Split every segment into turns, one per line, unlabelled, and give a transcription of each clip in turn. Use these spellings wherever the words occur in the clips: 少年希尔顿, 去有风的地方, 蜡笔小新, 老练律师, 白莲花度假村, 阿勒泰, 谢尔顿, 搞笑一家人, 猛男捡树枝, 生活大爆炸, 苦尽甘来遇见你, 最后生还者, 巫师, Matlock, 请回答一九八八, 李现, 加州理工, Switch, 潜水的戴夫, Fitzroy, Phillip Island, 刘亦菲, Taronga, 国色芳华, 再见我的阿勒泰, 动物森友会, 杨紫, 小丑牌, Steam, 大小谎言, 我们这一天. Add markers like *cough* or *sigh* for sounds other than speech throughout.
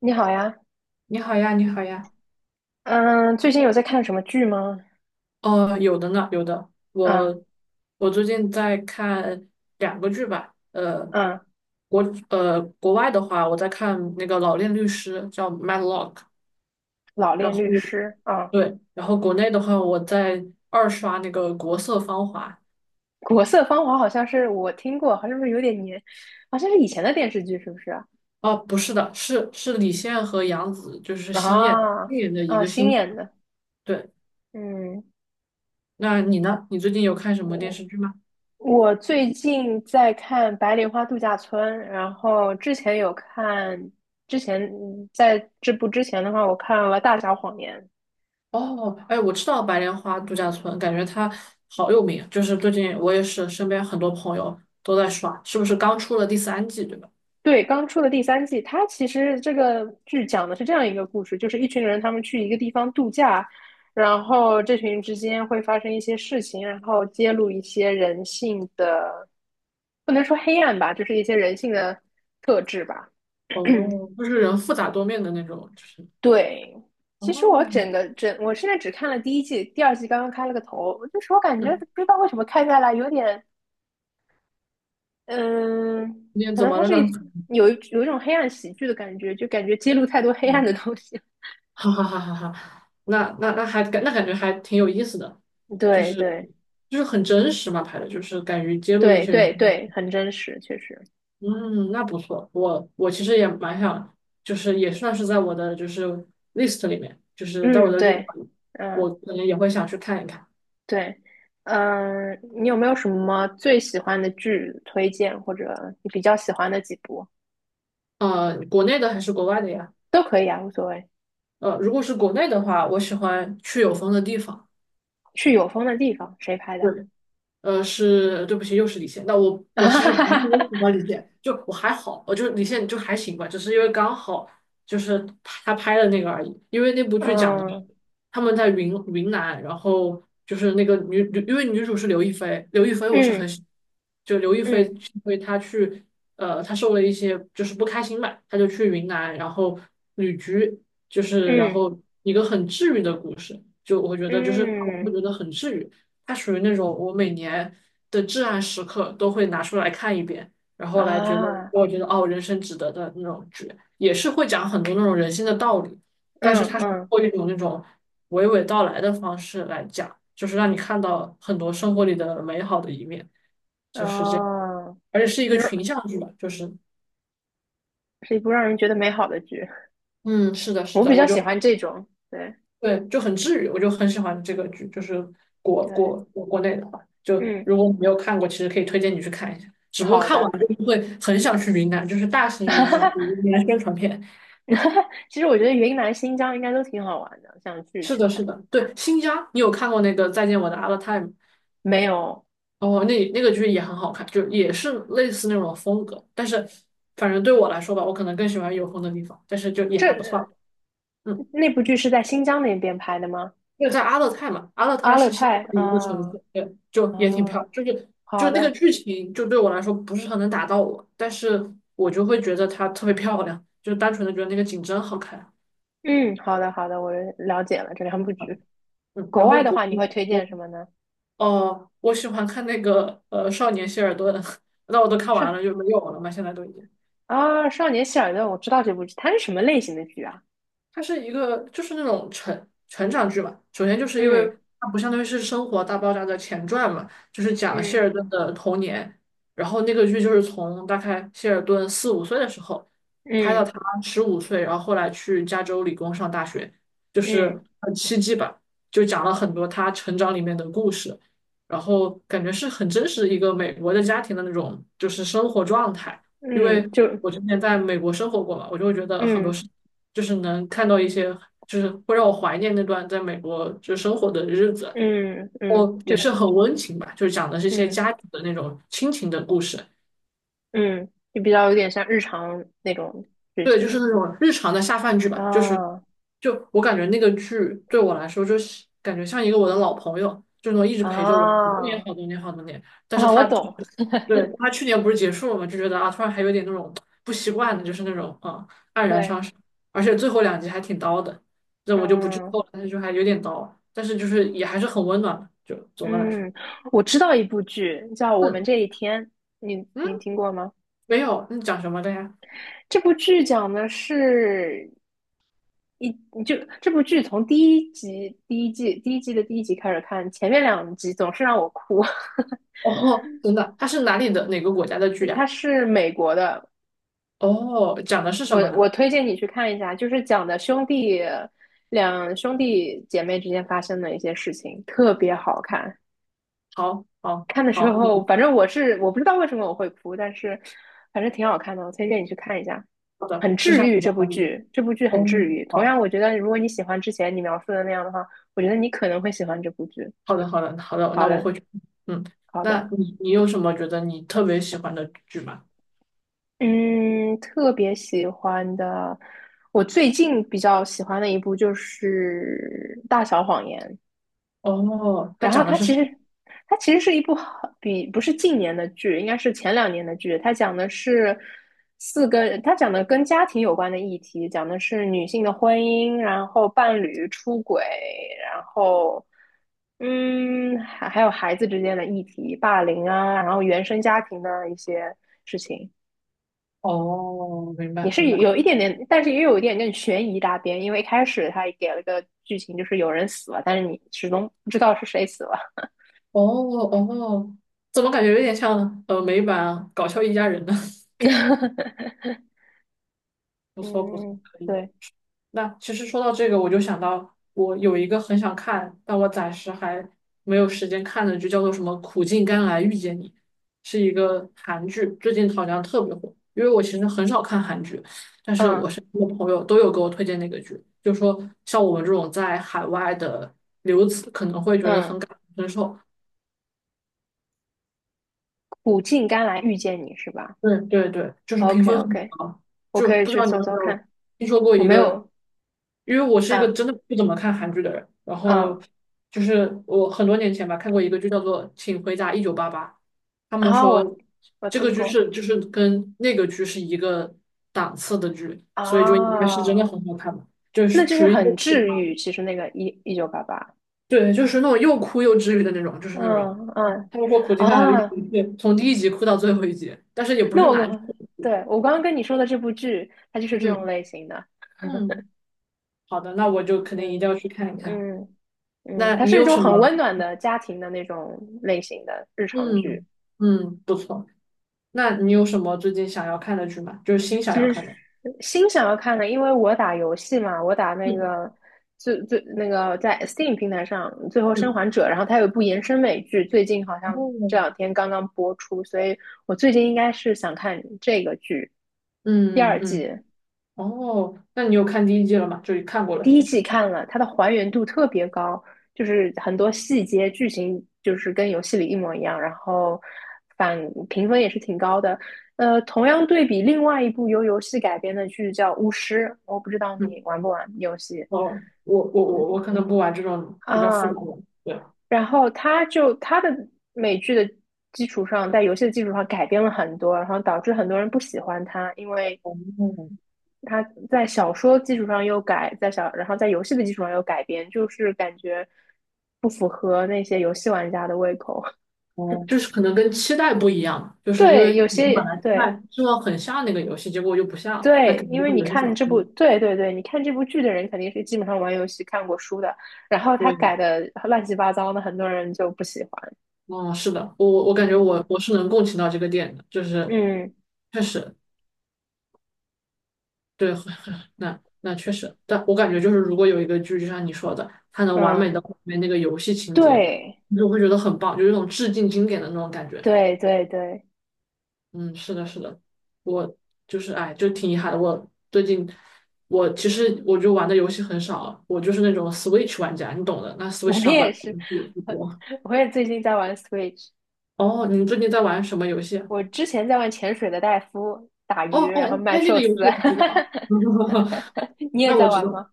你好呀。
你好呀，你好呀。
嗯，最近有在看什么剧吗？
哦，有的呢，有的。
嗯
我最近在看两个剧吧。
嗯，
国国外的话，我在看那个《老练律师》，叫《Matlock》。
《老
然
练
后
律师》啊。
对，然后国内的话，我在二刷那个《国色芳华》。
国色芳华》好像是我听过，好像是不是有点年，好像是以前的电视剧，是不是啊？
哦，不是的，是李现和杨紫，就是新演
啊
新演的一
啊，
个
新
新。
演的。
对，
嗯，
那你呢？你最近有看什么电视
我
剧吗？
我最近在看《白莲花度假村》，然后之前有看，之前在这部之前的话，我看了《大小谎言》。
哦，哎，我知道白莲花度假村，感觉它好有名。就是最近我也是身边很多朋友都在刷，是不是刚出了第三季，对吧？
对，刚出的第三季，它其实这个剧讲的是这样一个故事，就是一群人他们去一个地方度假，然后这群人之间会发生一些事情，然后揭露一些人性的，不能说黑暗吧，就是一些人性的特质吧。
哦，就是人复杂多面的那种，就是
对，其实我
哦，
整个整，我现在只看了第一季，第二季刚刚开了个头，就是我感觉
嗯，
不知道为什么看下来有点，嗯，
天
可
怎
能
么
它
了
是
呢？
一
*laughs*
有一有一种黑暗喜剧的感觉，就感觉揭露太多黑暗的
嗯，
东西。
哈哈哈哈哈，那感觉还挺有意思的，就
对
是
对
很真实嘛，拍的就是敢于揭露一
对
些
对
人。
对，很真实，确实。
嗯，那不错。我其实也蛮想，就是也算是在我的就是 list 里面，就是在我
嗯，
的 list
对，
里，我
嗯
可能也会想去看一看。
对，你有没有什么最喜欢的剧推荐，或者你比较喜欢的几部
国内的还是国外的呀？
都可以啊，无所谓。
如果是国内的话，我喜欢去有风的地方。
去有风的地方，谁拍的？
对。是，对不起，又是李现。那我其实不是因
*laughs*
为喜欢李现，就我还好，我就是李现就还行吧，只是因为刚好就是他拍的那个而已。因为那部剧讲的是
嗯
他们在云南，然后就是那个女，女因为女主是刘亦菲，刘亦菲我是很
嗯
喜，就刘亦菲
嗯
是因为她去，她受了一些就是不开心吧，她就去云南，然后旅居，就是然
嗯
后一个很治愈的故事，就我觉得就是看完会
嗯
觉得很治愈。它属于那种我每年的至暗时刻都会拿出来看一遍，然后来觉得
啊。
我觉得哦，人生值得的那种剧，也是会讲很多那种人性的道理，但是
嗯
它是通
嗯
过一种那种娓娓道来的方式来讲，就是让你看到很多生活里的美好的一面，就是这样，
哦。
而且是一个
是
群像剧吧，就是
是一部让人觉得美好的剧。
嗯，是的，是
我
的，
比
我
较
就。
喜欢这种，对
对，就很治愈，我就很喜欢这个剧，就是国
对，
国国国内的话，就
嗯，
如果你没有看过，其实可以推荐你去看一下。只不过
好
看完
的。
就是会很想去云南，就是大型云南
*laughs*
云南宣传片。
*laughs* 其实我觉得云南、新疆应该都挺好玩的，想去
是
去
的，是
看。
的，对，新疆，你有看过那个《再见我的阿勒泰》吗？
没有。
哦，那那个剧也很好看，就也是类似那种风格，但是反正对我来说吧，我可能更喜欢有风的地方，但是就也还不错。
这
嗯。
那部剧是在新疆那边拍的吗？
那个在阿勒泰嘛，阿勒泰
阿勒
是新西
泰
兰一个城市，
啊
对，就也挺
啊，
漂亮。就是就
好
是那个
的，
剧情，就对我来说不是很能打到我，但是我就会觉得它特别漂亮，就是单纯的觉得那个景真好看。
嗯，好的好的，我了解了这两部剧。
嗯，
国
然后
外的
国
话，你会推
我
荐什么呢？
哦，我喜欢看那个《少年希尔顿》，*laughs* 那我都看
少
完了，就没有了嘛，现在都已经。
少年希尔顿，我知道这部剧，它是什么类型的剧啊？
它是一个就是那种成长剧嘛。首先就是因为
嗯
它不相当于是《生活大爆炸》的前传嘛，就是讲谢
嗯
尔顿的童年。然后那个剧就是从大概谢尔顿4、5岁的时候拍到
嗯
他15岁，然后后来去加州理工上大学，就
嗯
是很奇迹吧，就讲了很多他成长里面的故事。然后感觉是很真实一个美国的家庭的那种就是生活状态，因
嗯。
为
就
我之前在美国生活过嘛，我就会觉得很多
嗯
事。就是能看到一些，就是会让我怀念那段在美国就生活的日子，
嗯，
哦，也
就
是很温情吧，就是讲的是一些
嗯
家庭的那种亲情的故事。
嗯，就比较有点像日常那种剧
对，就是
情。
那种日常的下饭剧吧，就是
啊
就我感觉那个剧对我来说，就是感觉像一个我的老朋友，就是那种一直陪着我好多年、
啊
好多年、好多年。但是
啊！我
他就是
懂，
对他去年不是结束了嘛，就觉得啊，突然还有点那种不习惯的，就是那种啊黯然
对，
伤神，而且最后两集还挺刀的，这我就不剧
嗯
透了，但是就还有点刀，但是就是也还是很温暖的，就总的来说，
嗯，我知道一部剧叫《我们
嗯
这一天》，你
嗯，
听过吗？
没有，你讲什么的呀？
这部剧讲的是一就这部剧从第一集第一季的第一集开始看，前面两集总是让我哭。
*laughs* 哦，真的，它是哪里的哪个国家的剧
*laughs* 它
呀？
是美国的。
哦，讲的是什
我
么
我
呢？
推荐你去看一下，就是讲的两兄弟姐妹之间发生的一些事情，特别好看。
好，好，
看的时
好，
候，
嗯，
反正我不知道为什么我会哭，但是反正挺好看的，我推荐你去看一下，
好的，
很
吃
治
下
愈。
你的
这部
阿姨。
剧，这部剧很
哦，
治愈。同
好，
样，我觉得如果你喜欢之前你描述的那样的话，我觉得你可能会喜欢这部剧。
好的，好的，好的，
好
那我
的，
会去。嗯，
好的，
那你你有什么觉得你特别喜欢的剧吗？
嗯，特别喜欢的，我最近比较喜欢的一部就是《大小谎言》。
哦，它
然后
讲的
它
是
其
什
实它其实是一部好比不是近年的剧，应该是前两年的剧。它讲的是四个，它讲的跟家庭有关的议题，讲的是女性的婚姻，然后伴侣出轨，然后还有孩子之间的议题，霸凌啊，然后原生家庭的一些事情。
哦，明
你
白明
是
白。
有一点点，但是也有一点点悬疑大边，因为一开始他也给了个剧情，就是有人死了，但是你始终不知道是谁死了。
哦哦，怎么感觉有点像美版《搞笑一家人》呢？*laughs*
*laughs*
不错不错，
嗯，嗯
可以。
对，
那其实说到这个，我就想到我有一个很想看，但我暂时还没有时间看的剧，叫做什么《苦尽甘来遇见你》，是一个韩剧，最近好像特别火。因为我其实很少看韩剧，但是
嗯
我身边的朋友都有给我推荐那个剧，就说像我们这种在海外的留子可能会觉得
嗯，
很感同身受，
苦尽甘来遇见你是吧
对对对，就是评
？OK
分很
OK,
高，
我
就
可以
不知
去
道你有
搜
没
搜
有
看。
听说过
我
一
没
个，
有，
因为我是一个
嗯
真的不怎么看韩剧的人，然
嗯，
后就是我很多年前吧看过一个剧叫做《请回答1988》，他们
啊、我
说
我
这个
听
剧
过
是就是跟那个剧是一个档次的剧，所以就应该是真的
啊、
很好看吧，就
那
是
就是
属于一
很
个启
治
发，
愈。其实那个一九八八，
对，就是那种又哭又治愈的那种，就是那种，
嗯嗯
他们说苦尽甘来遇见
啊，
一切，从第一集哭到最后一集，但是也不
那
是难
我
受
对我刚刚跟你说的这部剧，它就是这种
嗯
类型的。
嗯。好的，那我就肯定一
嗯
定要去看一看。
嗯嗯，
那
它
你
是一
有
种
什
很温
么？
暖的家庭的那种类型的日常剧。
嗯嗯，不错。那你有什么最近想要看的剧吗？就是新想
其
要
实是
看的。
心想要看的，因为我打游戏嘛，我打那
嗯
个那个在 Steam 平台上《最后生
嗯
还者》，然后它有一部延伸美剧，最近好像这两
哦
天刚刚播出，所以我最近应该是想看这个剧第
嗯
二季。
嗯哦，那你有看第一季了吗？就是看过了
第
是
一
吗？
季看了，它的还原度特别高，就是很多细节、剧情就是跟游戏里一模一样，然后反评分也是挺高的。同样对比另外一部由游戏改编的剧叫《巫师》，我不知道
嗯
你玩不玩游戏
哦，我可能不玩这种比较复杂
啊。
的。对。
然后它的美剧的基础上，在游戏的基础上改编了很多，然后导致很多人不喜欢它，因为
哦
它在小说基础上又改，然后在游戏的基础上又改编，就是感觉不符合那些游戏玩家的胃口。*laughs*
哦，就是可能跟期待不一样，就是因为
对，有
你们
些
本来期
对
就希望很像那个游戏，结果又不像，那
对，
肯定
因
就
为
会
你
有一些
看
小失
这部，
望。
对对对，你看这部剧的人肯定是基本上玩游戏看过书的，然后他
对，
改的乱七八糟的，很多人就不喜欢。
哦，是的，我感觉我
嗯
我是能共情到这个点的，就是
嗯
确实对，*laughs* 很很那那确实，但我感觉就是如果有一个剧，就像你说的，它能完
嗯，
美的还原那个游戏情节，
对
你就会觉得很棒，就有一种致敬经典的那种感觉。
对对对，
嗯，是的，是的，我就是哎，就挺遗憾的。我最近我其实我就玩的游戏很少，我就是那种 Switch 玩家，你懂的。那
*laughs*
Switch
我
上本
也
来
是，
不不
*laughs* 我
多。
我也最近在玩 Switch。
哦，你最近在玩什么游戏啊
我之前在玩潜水的戴夫打
哦
鱼，然后
哦，
卖
那那
寿
个游
司。
戏我知道。*laughs*
*laughs* 你也
那我
在
知
玩
道，
吗？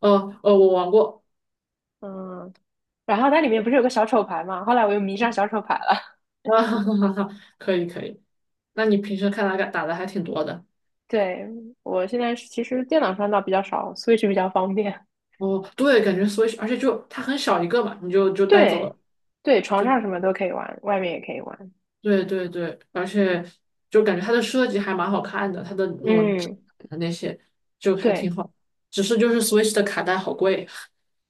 哦哦，我玩过
嗯，然后它里面不是有个小丑牌吗？后来我又迷上小丑牌了。
啊，*laughs* 哈哈哈哈，可以可以。那你平时看他打的还挺多的
*laughs* 对，我现在是其实电脑上倒比较少，Switch 比较方便。
哦，对，感觉 Switch,而且就它很小一个嘛，你就就带走
对，
了，
对，床
就
上什么都可以玩，外面也可以玩。
对对对，而且就感觉它的设计还蛮好看的，它的那种质
嗯，
感的那些就还
对
挺好，只是就是 Switch 的卡带好贵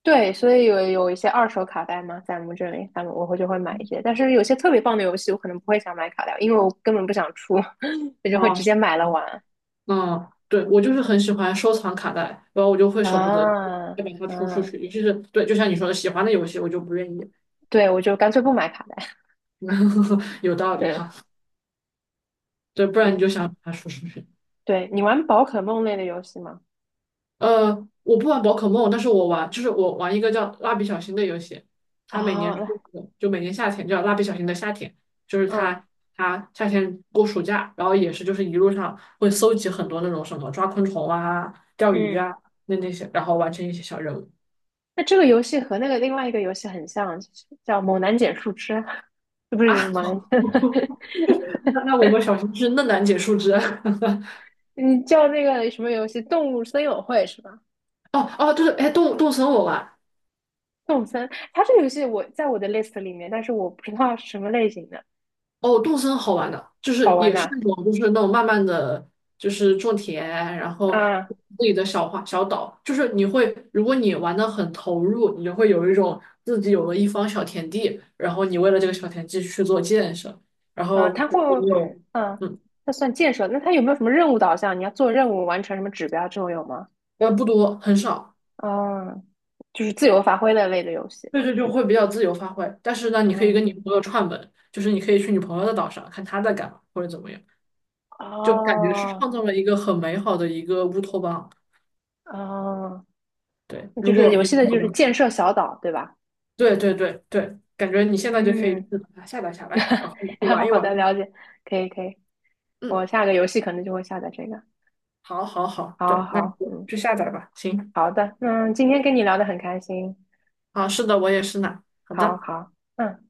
对，所以有一些二手卡带嘛，在我们这里，他们我会就会买一些，但是有些特别棒的游戏，我可能不会想买卡带，因为我根本不想出，*laughs* 我就会
啊，
直
是
接买了
吗
玩。
嗯，对，我就是很喜欢收藏卡带，然后我就会舍不得
啊，
再把它出出
嗯，
去，尤其是对，就像你说的，喜欢的游戏我就不愿意，
对，我就干脆不买卡带。
*laughs* 有道
*laughs*
理
嗯
哈。对，不然你
嗯，
就想把它说出去。
对，你玩宝可梦类的游戏吗？
呃，我不玩宝可梦，但是我玩，就是我玩一个叫蜡笔小新的游戏，它每年出
啊，
一个就每年夏天叫蜡笔小新的夏天，就是
嗯
它它夏天过暑假，然后也是就是一路上会搜集很多那种什么抓昆虫啊、钓鱼
嗯，
啊那那些，然后完成一些小任务
那这个游戏和那个另外一个游戏很像，就是叫《猛男捡树枝》，*laughs* 不是就是
啊。
猛男
*laughs*
捡，
那我们小新是嫩楠解树枝。*laughs*
*laughs* 你叫那个什么游戏《动物森友会》是吧？
哦哦，就是哎，动森我玩，
动物森，它这个游戏我在我的 list 里面，但是我不知道是什么类型的，
哦，动森好玩的，就
好
是
玩
也是
呐、
那种，就是那种慢慢的就是种田，然后
啊，
自己的小花小岛，就是你会，如果你玩的很投入，你就会有一种自己有了一方小田地，然后你为了这个小田地去做建设，然
啊
后
它
如
会，
果你有，
嗯、
嗯，
它算建设，那它有没有什么任务导向？你要做任务完成什么指标这种有吗？
不多，很少，
嗯，就是自由发挥的类的游戏。
对对，就会比较自由发挥。但是呢，你可以
嗯，
跟你朋友串门，就是你可以去你朋友的岛上看他在干嘛或者怎么样，就感觉是
哦，
创造了一个很美好的一个乌托邦。
哦，
对，
就
如
是
果
游
你
戏
朋
的就
友
是
的
建设小岛，对吧？
对对对对，感觉你现在就可以
嗯，
去把它下载下来，然
*laughs*
后去
然
玩一
好的，
玩。
了解，可以可以，
嗯，
我下个游戏可能就会下载这个。
好，好，好，
好
对，那你
好，
就
嗯，
去下载吧。行，
好的，那今天跟你聊的很开心，
啊，是的，我也是呢。好
好
的。
好，嗯。